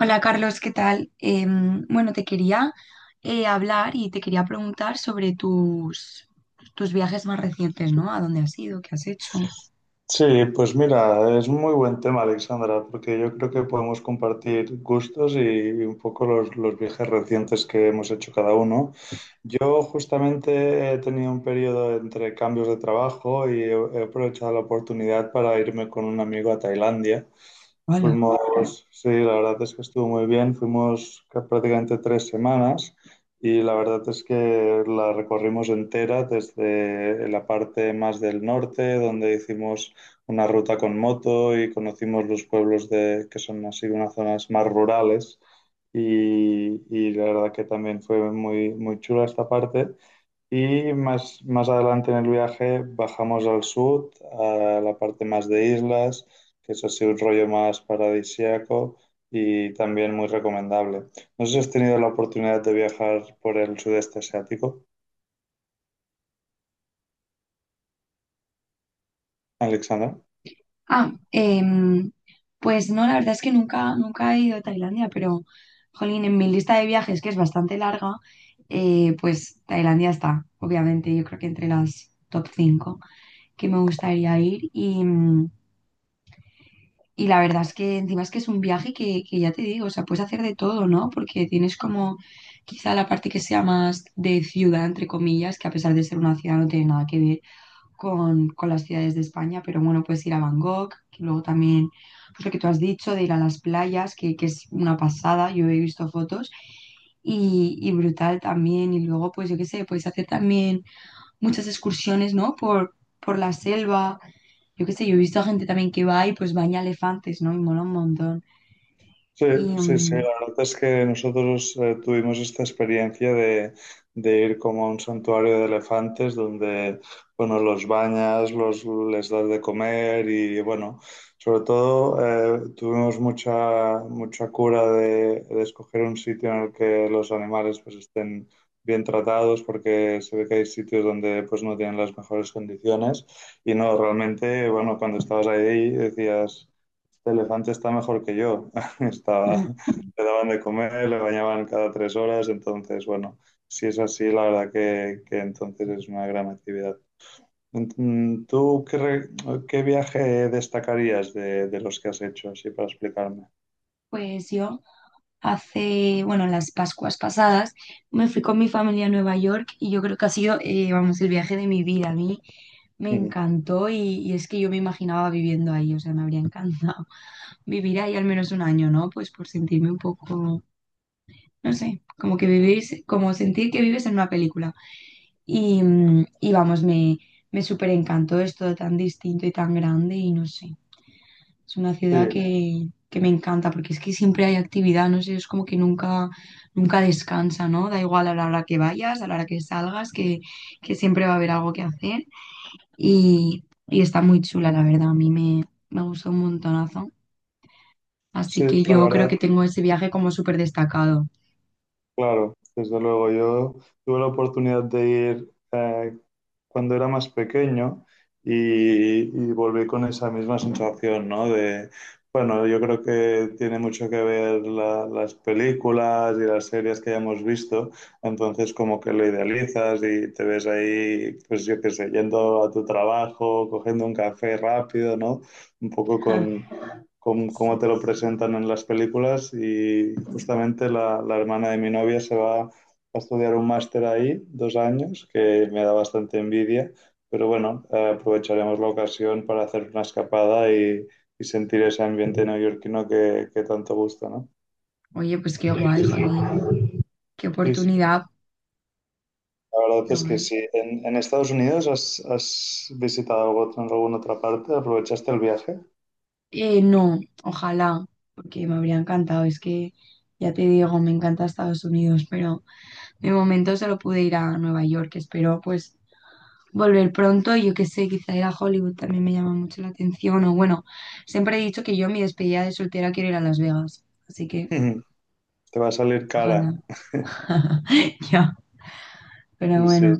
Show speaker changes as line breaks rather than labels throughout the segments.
Hola Carlos, ¿qué tal? Bueno, te quería hablar y te quería preguntar sobre tus viajes más recientes, ¿no? ¿A dónde has ido? ¿Qué has hecho?
Sí, pues mira, es muy buen tema, Alexandra, porque yo creo que podemos compartir gustos y, un poco los viajes recientes que hemos hecho cada uno. Yo justamente he tenido un periodo entre cambios de trabajo y he aprovechado la oportunidad para irme con un amigo a Tailandia. Vale.
Hola.
Fuimos, sí, la verdad es que estuvo muy bien, fuimos prácticamente 3 semanas y la verdad es que la recorrimos entera desde la parte más del norte, donde hicimos una ruta con moto y conocimos los pueblos de, que son así unas zonas más rurales y la verdad que también fue muy, muy chula esta parte. Y más adelante en el viaje bajamos al sur, a la parte más de islas, que es así un rollo más paradisíaco y también muy recomendable. No sé si has tenido la oportunidad de viajar por el sudeste asiático, Alexandra.
Ah, em, pues no, la verdad es que nunca he ido a Tailandia, pero jolín, en mi lista de viajes, que es bastante larga, pues Tailandia está, obviamente, yo creo que entre las top 5 que me gustaría ir. Y la verdad es que encima es que es un viaje que ya te digo, o sea, puedes hacer de todo, ¿no? Porque tienes como quizá la parte que sea más de ciudad, entre comillas, que a pesar de ser una ciudad no tiene nada que ver con las ciudades de España, pero bueno, puedes ir a Bangkok, que luego también, pues lo que tú has dicho, de ir a las playas, que es una pasada, yo he visto fotos. Y brutal también, y luego pues yo qué sé, puedes hacer también muchas excursiones, ¿no? Por la selva, yo qué sé, yo he visto a gente también que va y pues baña elefantes, ¿no? Y mola un montón.
Sí,
Y
sí, sí,
mm,
la verdad es que nosotros tuvimos esta experiencia de, ir como a un santuario de elefantes donde, bueno, los bañas, les das de comer y, bueno, sobre todo tuvimos mucha cura de escoger un sitio en el que los animales pues estén bien tratados porque se ve que hay sitios donde pues no tienen las mejores condiciones y no, realmente, bueno, cuando estabas ahí decías... Este elefante está mejor que yo. Estaba,
mm,
le daban de comer, le bañaban cada 3 horas, entonces, bueno, si es así, la verdad que, entonces es una gran actividad. ¿Tú qué, qué viaje destacarías de los que has hecho, así para explicarme?
pues yo hace, bueno, en las Pascuas pasadas me fui con mi familia a Nueva York y yo creo que ha sido, vamos, el viaje de mi vida. A mí me
Ujú.
encantó y es que yo me imaginaba viviendo ahí, o sea, me habría encantado vivir ahí al menos un año, ¿no? Pues por sentirme un poco, no sé, como que vivir, como sentir que vives en una película. Y vamos, me súper encantó, es todo tan distinto y tan grande y no sé, es una ciudad
Sí,
que me encanta porque es que siempre hay actividad, no sé, es como que nunca descansa, ¿no? Da igual a la hora que vayas, a la hora que salgas, que siempre va a haber algo que hacer y está muy chula, la verdad, a me gustó un montonazo. Así
sí,
que
la
yo creo
verdad.
que tengo ese viaje como súper destacado.
Claro, desde luego. Yo tuve la oportunidad de ir cuando era más pequeño y volví con esa misma sensación, ¿no? De, bueno, yo creo que tiene mucho que ver las películas y las series que hayamos visto, entonces como que lo idealizas y te ves ahí, pues yo qué sé, yendo a tu trabajo, cogiendo un café rápido, ¿no? Un poco con, cómo
Sí.
te lo presentan en las películas y justamente la, hermana de mi novia se va a estudiar un máster ahí, 2 años, que me da bastante envidia, pero bueno, aprovecharemos la ocasión para hacer una escapada y sentir ese ambiente neoyorquino que tanto gusta, ¿no?
Oye, pues qué guay, jolín, qué
Sí, sí,
oportunidad.
la verdad
Qué
es que
guay.
sí. ¿En Estados Unidos has visitado algo, alguna otra parte? ¿Aprovechaste el viaje?
No, ojalá, porque me habría encantado. Es que ya te digo, me encanta Estados Unidos, pero de momento solo pude ir a Nueva York. Espero pues volver pronto. Yo qué sé, quizá ir a Hollywood también me llama mucho la atención. O bueno, siempre he dicho que yo en mi despedida de soltera quiero ir a Las Vegas. Así que
Te va a salir cara.
ojalá. Ya, pero
Sí, sí.
bueno,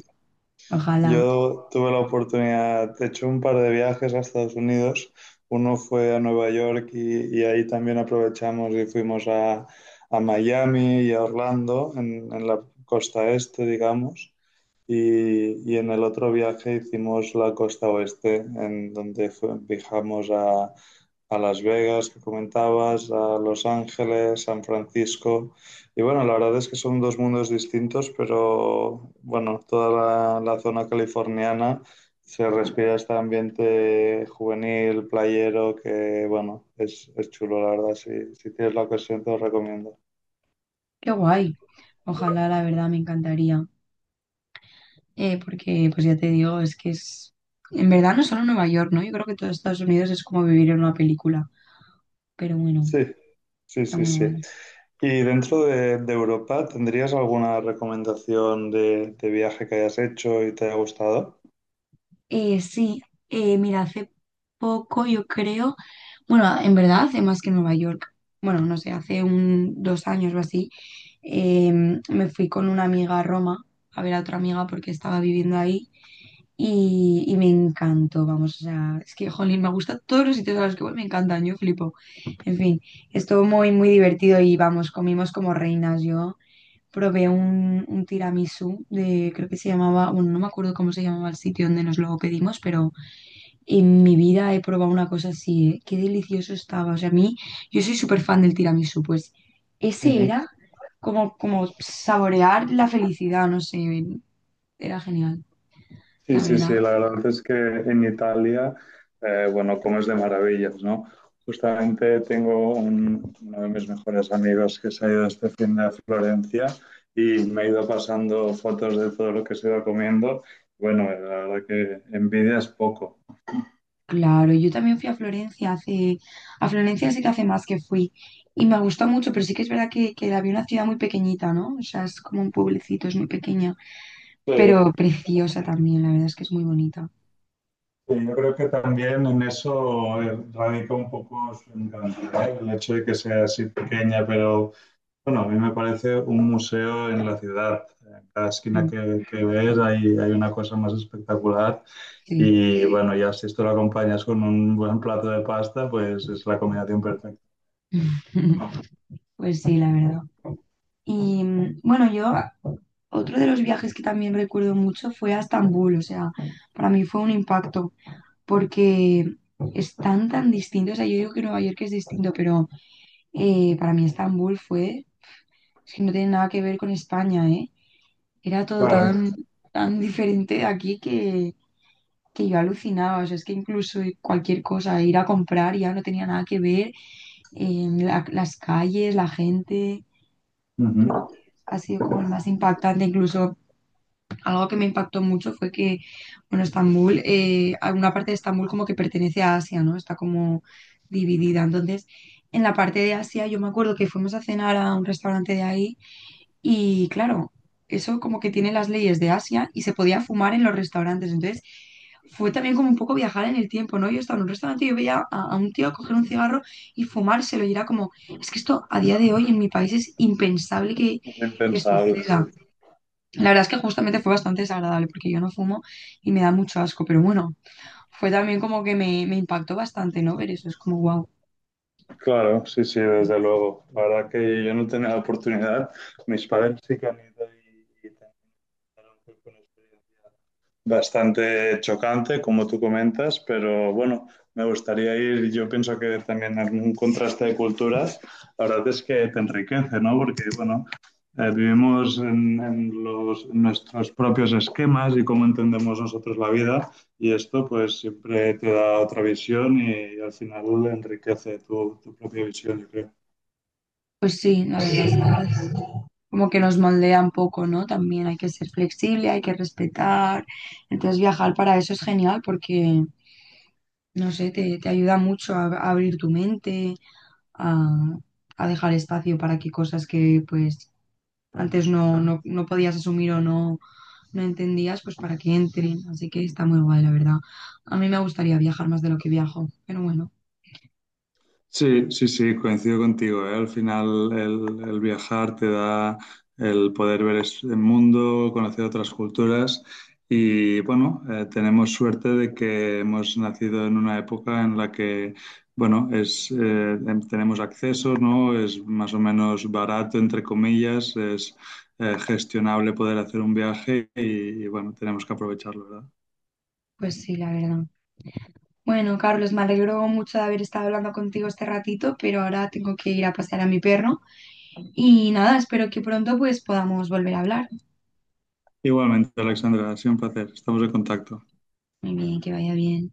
ojalá.
Yo tuve la oportunidad, he hecho, un par de viajes a Estados Unidos. Uno fue a Nueva York y ahí también aprovechamos y fuimos a, Miami y a Orlando, en la costa este, digamos. Y en el otro viaje hicimos la costa oeste, en donde viajamos a Las Vegas, que comentabas, a Los Ángeles, San Francisco. Y bueno, la verdad es que son dos mundos distintos, pero bueno, toda la, zona californiana se respira este ambiente juvenil, playero, que bueno, es, chulo, la verdad. si tienes la ocasión, te lo recomiendo.
Qué guay. Ojalá, la verdad, me encantaría. Porque pues ya te digo, es que en verdad no solo Nueva York, ¿no? Yo creo que todo Estados Unidos es como vivir en una película, pero bueno,
Sí, sí,
está
sí,
muy
sí.
guay.
Y dentro de, de, Europa, ¿tendrías alguna recomendación de viaje que hayas hecho y te haya gustado?
Sí, mira, hace poco yo creo, bueno, en verdad hace más que Nueva York, bueno, no sé, hace dos años o así, eh, me fui con una amiga a Roma a ver a otra amiga porque estaba viviendo ahí. Y me encantó, vamos, o sea, es que jolín, me gusta todos los sitios a los que voy, me encantan, yo flipo. En fin, estuvo muy divertido y vamos, comimos como reinas. Yo probé un tiramisú de, creo que se llamaba, bueno, no me acuerdo cómo se llamaba el sitio donde nos lo pedimos, pero en mi vida he probado una cosa así, ¿eh? Qué delicioso estaba. O sea, a mí, yo soy súper fan del tiramisú, pues ese
Ujú.
era como, como saborear la felicidad, no sé, era genial,
Sí,
la
sí, sí,
verdad.
la verdad es que en Italia, bueno, comes de maravillas, ¿no? Justamente tengo uno de mis mejores amigos que se ha ido este fin de a Florencia y me ha ido pasando fotos de todo lo que se va comiendo. Bueno, la verdad que envidia es poco.
Claro, yo también fui a Florencia hace, a Florencia sí que hace más que fui y me gustó mucho, pero sí que es verdad que la vi una ciudad muy pequeñita, ¿no? O sea, es como un pueblecito, es muy pequeña,
Sí.
pero preciosa también, la verdad es que es muy bonita.
Sí, yo creo que también en eso radica un poco su encanto, ¿no? El hecho de que sea así pequeña, pero bueno, a mí me parece un museo en la ciudad. En cada esquina
Mm,
que, ves hay una cosa más espectacular
Sí,
y bueno, ya si esto lo acompañas con un buen plato de pasta, pues es la combinación perfecta.
pues sí, la verdad. Bueno, yo otro de los viajes que también recuerdo mucho fue a Estambul, o sea, para mí fue un impacto porque están tan distintos, o sea, yo digo que Nueva York es distinto, pero para mí Estambul fue... Es que no tiene nada que ver con España, ¿eh? Era todo
Claro.
tan diferente de aquí que yo alucinaba. O sea, es que incluso cualquier cosa, ir a comprar ya no tenía nada que ver. Las calles, la gente. Yo creo
Ujú.
que ha sido como el más impactante. Incluso algo que me impactó mucho fue que, bueno, Estambul, alguna parte de Estambul como que pertenece a Asia, ¿no? Está como dividida. Entonces, en la parte de Asia, yo me acuerdo que fuimos a cenar a un restaurante de ahí. Y claro, eso como que tiene las leyes de Asia y se podía fumar en los restaurantes. Entonces, fue también como un poco viajar en el tiempo, ¿no? Yo estaba en un restaurante y yo veía a un tío coger un cigarro y fumárselo y era como, es que esto a día de hoy en mi país es impensable
Es
que
impensable, sí.
suceda. La verdad es que justamente fue bastante desagradable porque yo no fumo y me da mucho asco, pero bueno, fue también como que me impactó bastante, ¿no? Ver eso, es como, wow.
Claro, sí, sí, desde luego. La verdad que yo no tenía la oportunidad. Mis padres sí que han ido y también fueron con experiencia bastante chocante, como tú comentas, pero bueno, me gustaría ir, yo pienso que también en un contraste de culturas, la verdad es que te enriquece, ¿no? Porque, bueno, vivimos en en nuestros propios esquemas y cómo entendemos nosotros la vida y esto pues siempre te da otra visión y, al final enriquece tu, propia visión, yo creo.
Pues sí, la verdad es que... como que nos moldea un poco, ¿no? También hay que ser flexible, hay que respetar. Entonces viajar para eso es genial porque no sé, te ayuda mucho a abrir tu mente, a, a dejar espacio para que cosas que pues antes no podías asumir o no entendías, pues para que entren. Así que está muy guay, la verdad. A mí me gustaría viajar más de lo que viajo, pero bueno.
Sí, sí, sí, coincido contigo, ¿eh? Al final el viajar te da el poder ver el mundo, conocer otras culturas y bueno, tenemos suerte de que hemos nacido en una época en la que, bueno, tenemos acceso, ¿no? Es más o menos barato, entre comillas, es gestionable poder hacer un viaje y bueno, tenemos que aprovecharlo, ¿verdad?
Pues sí, la verdad. Bueno, Carlos, me alegro mucho de haber estado hablando contigo este ratito, pero ahora tengo que ir a pasear a mi perro. Y nada, espero que pronto pues podamos volver a hablar.
Igualmente, Alexandra, ha sido un placer, estamos en contacto.
Muy bien, que vaya bien.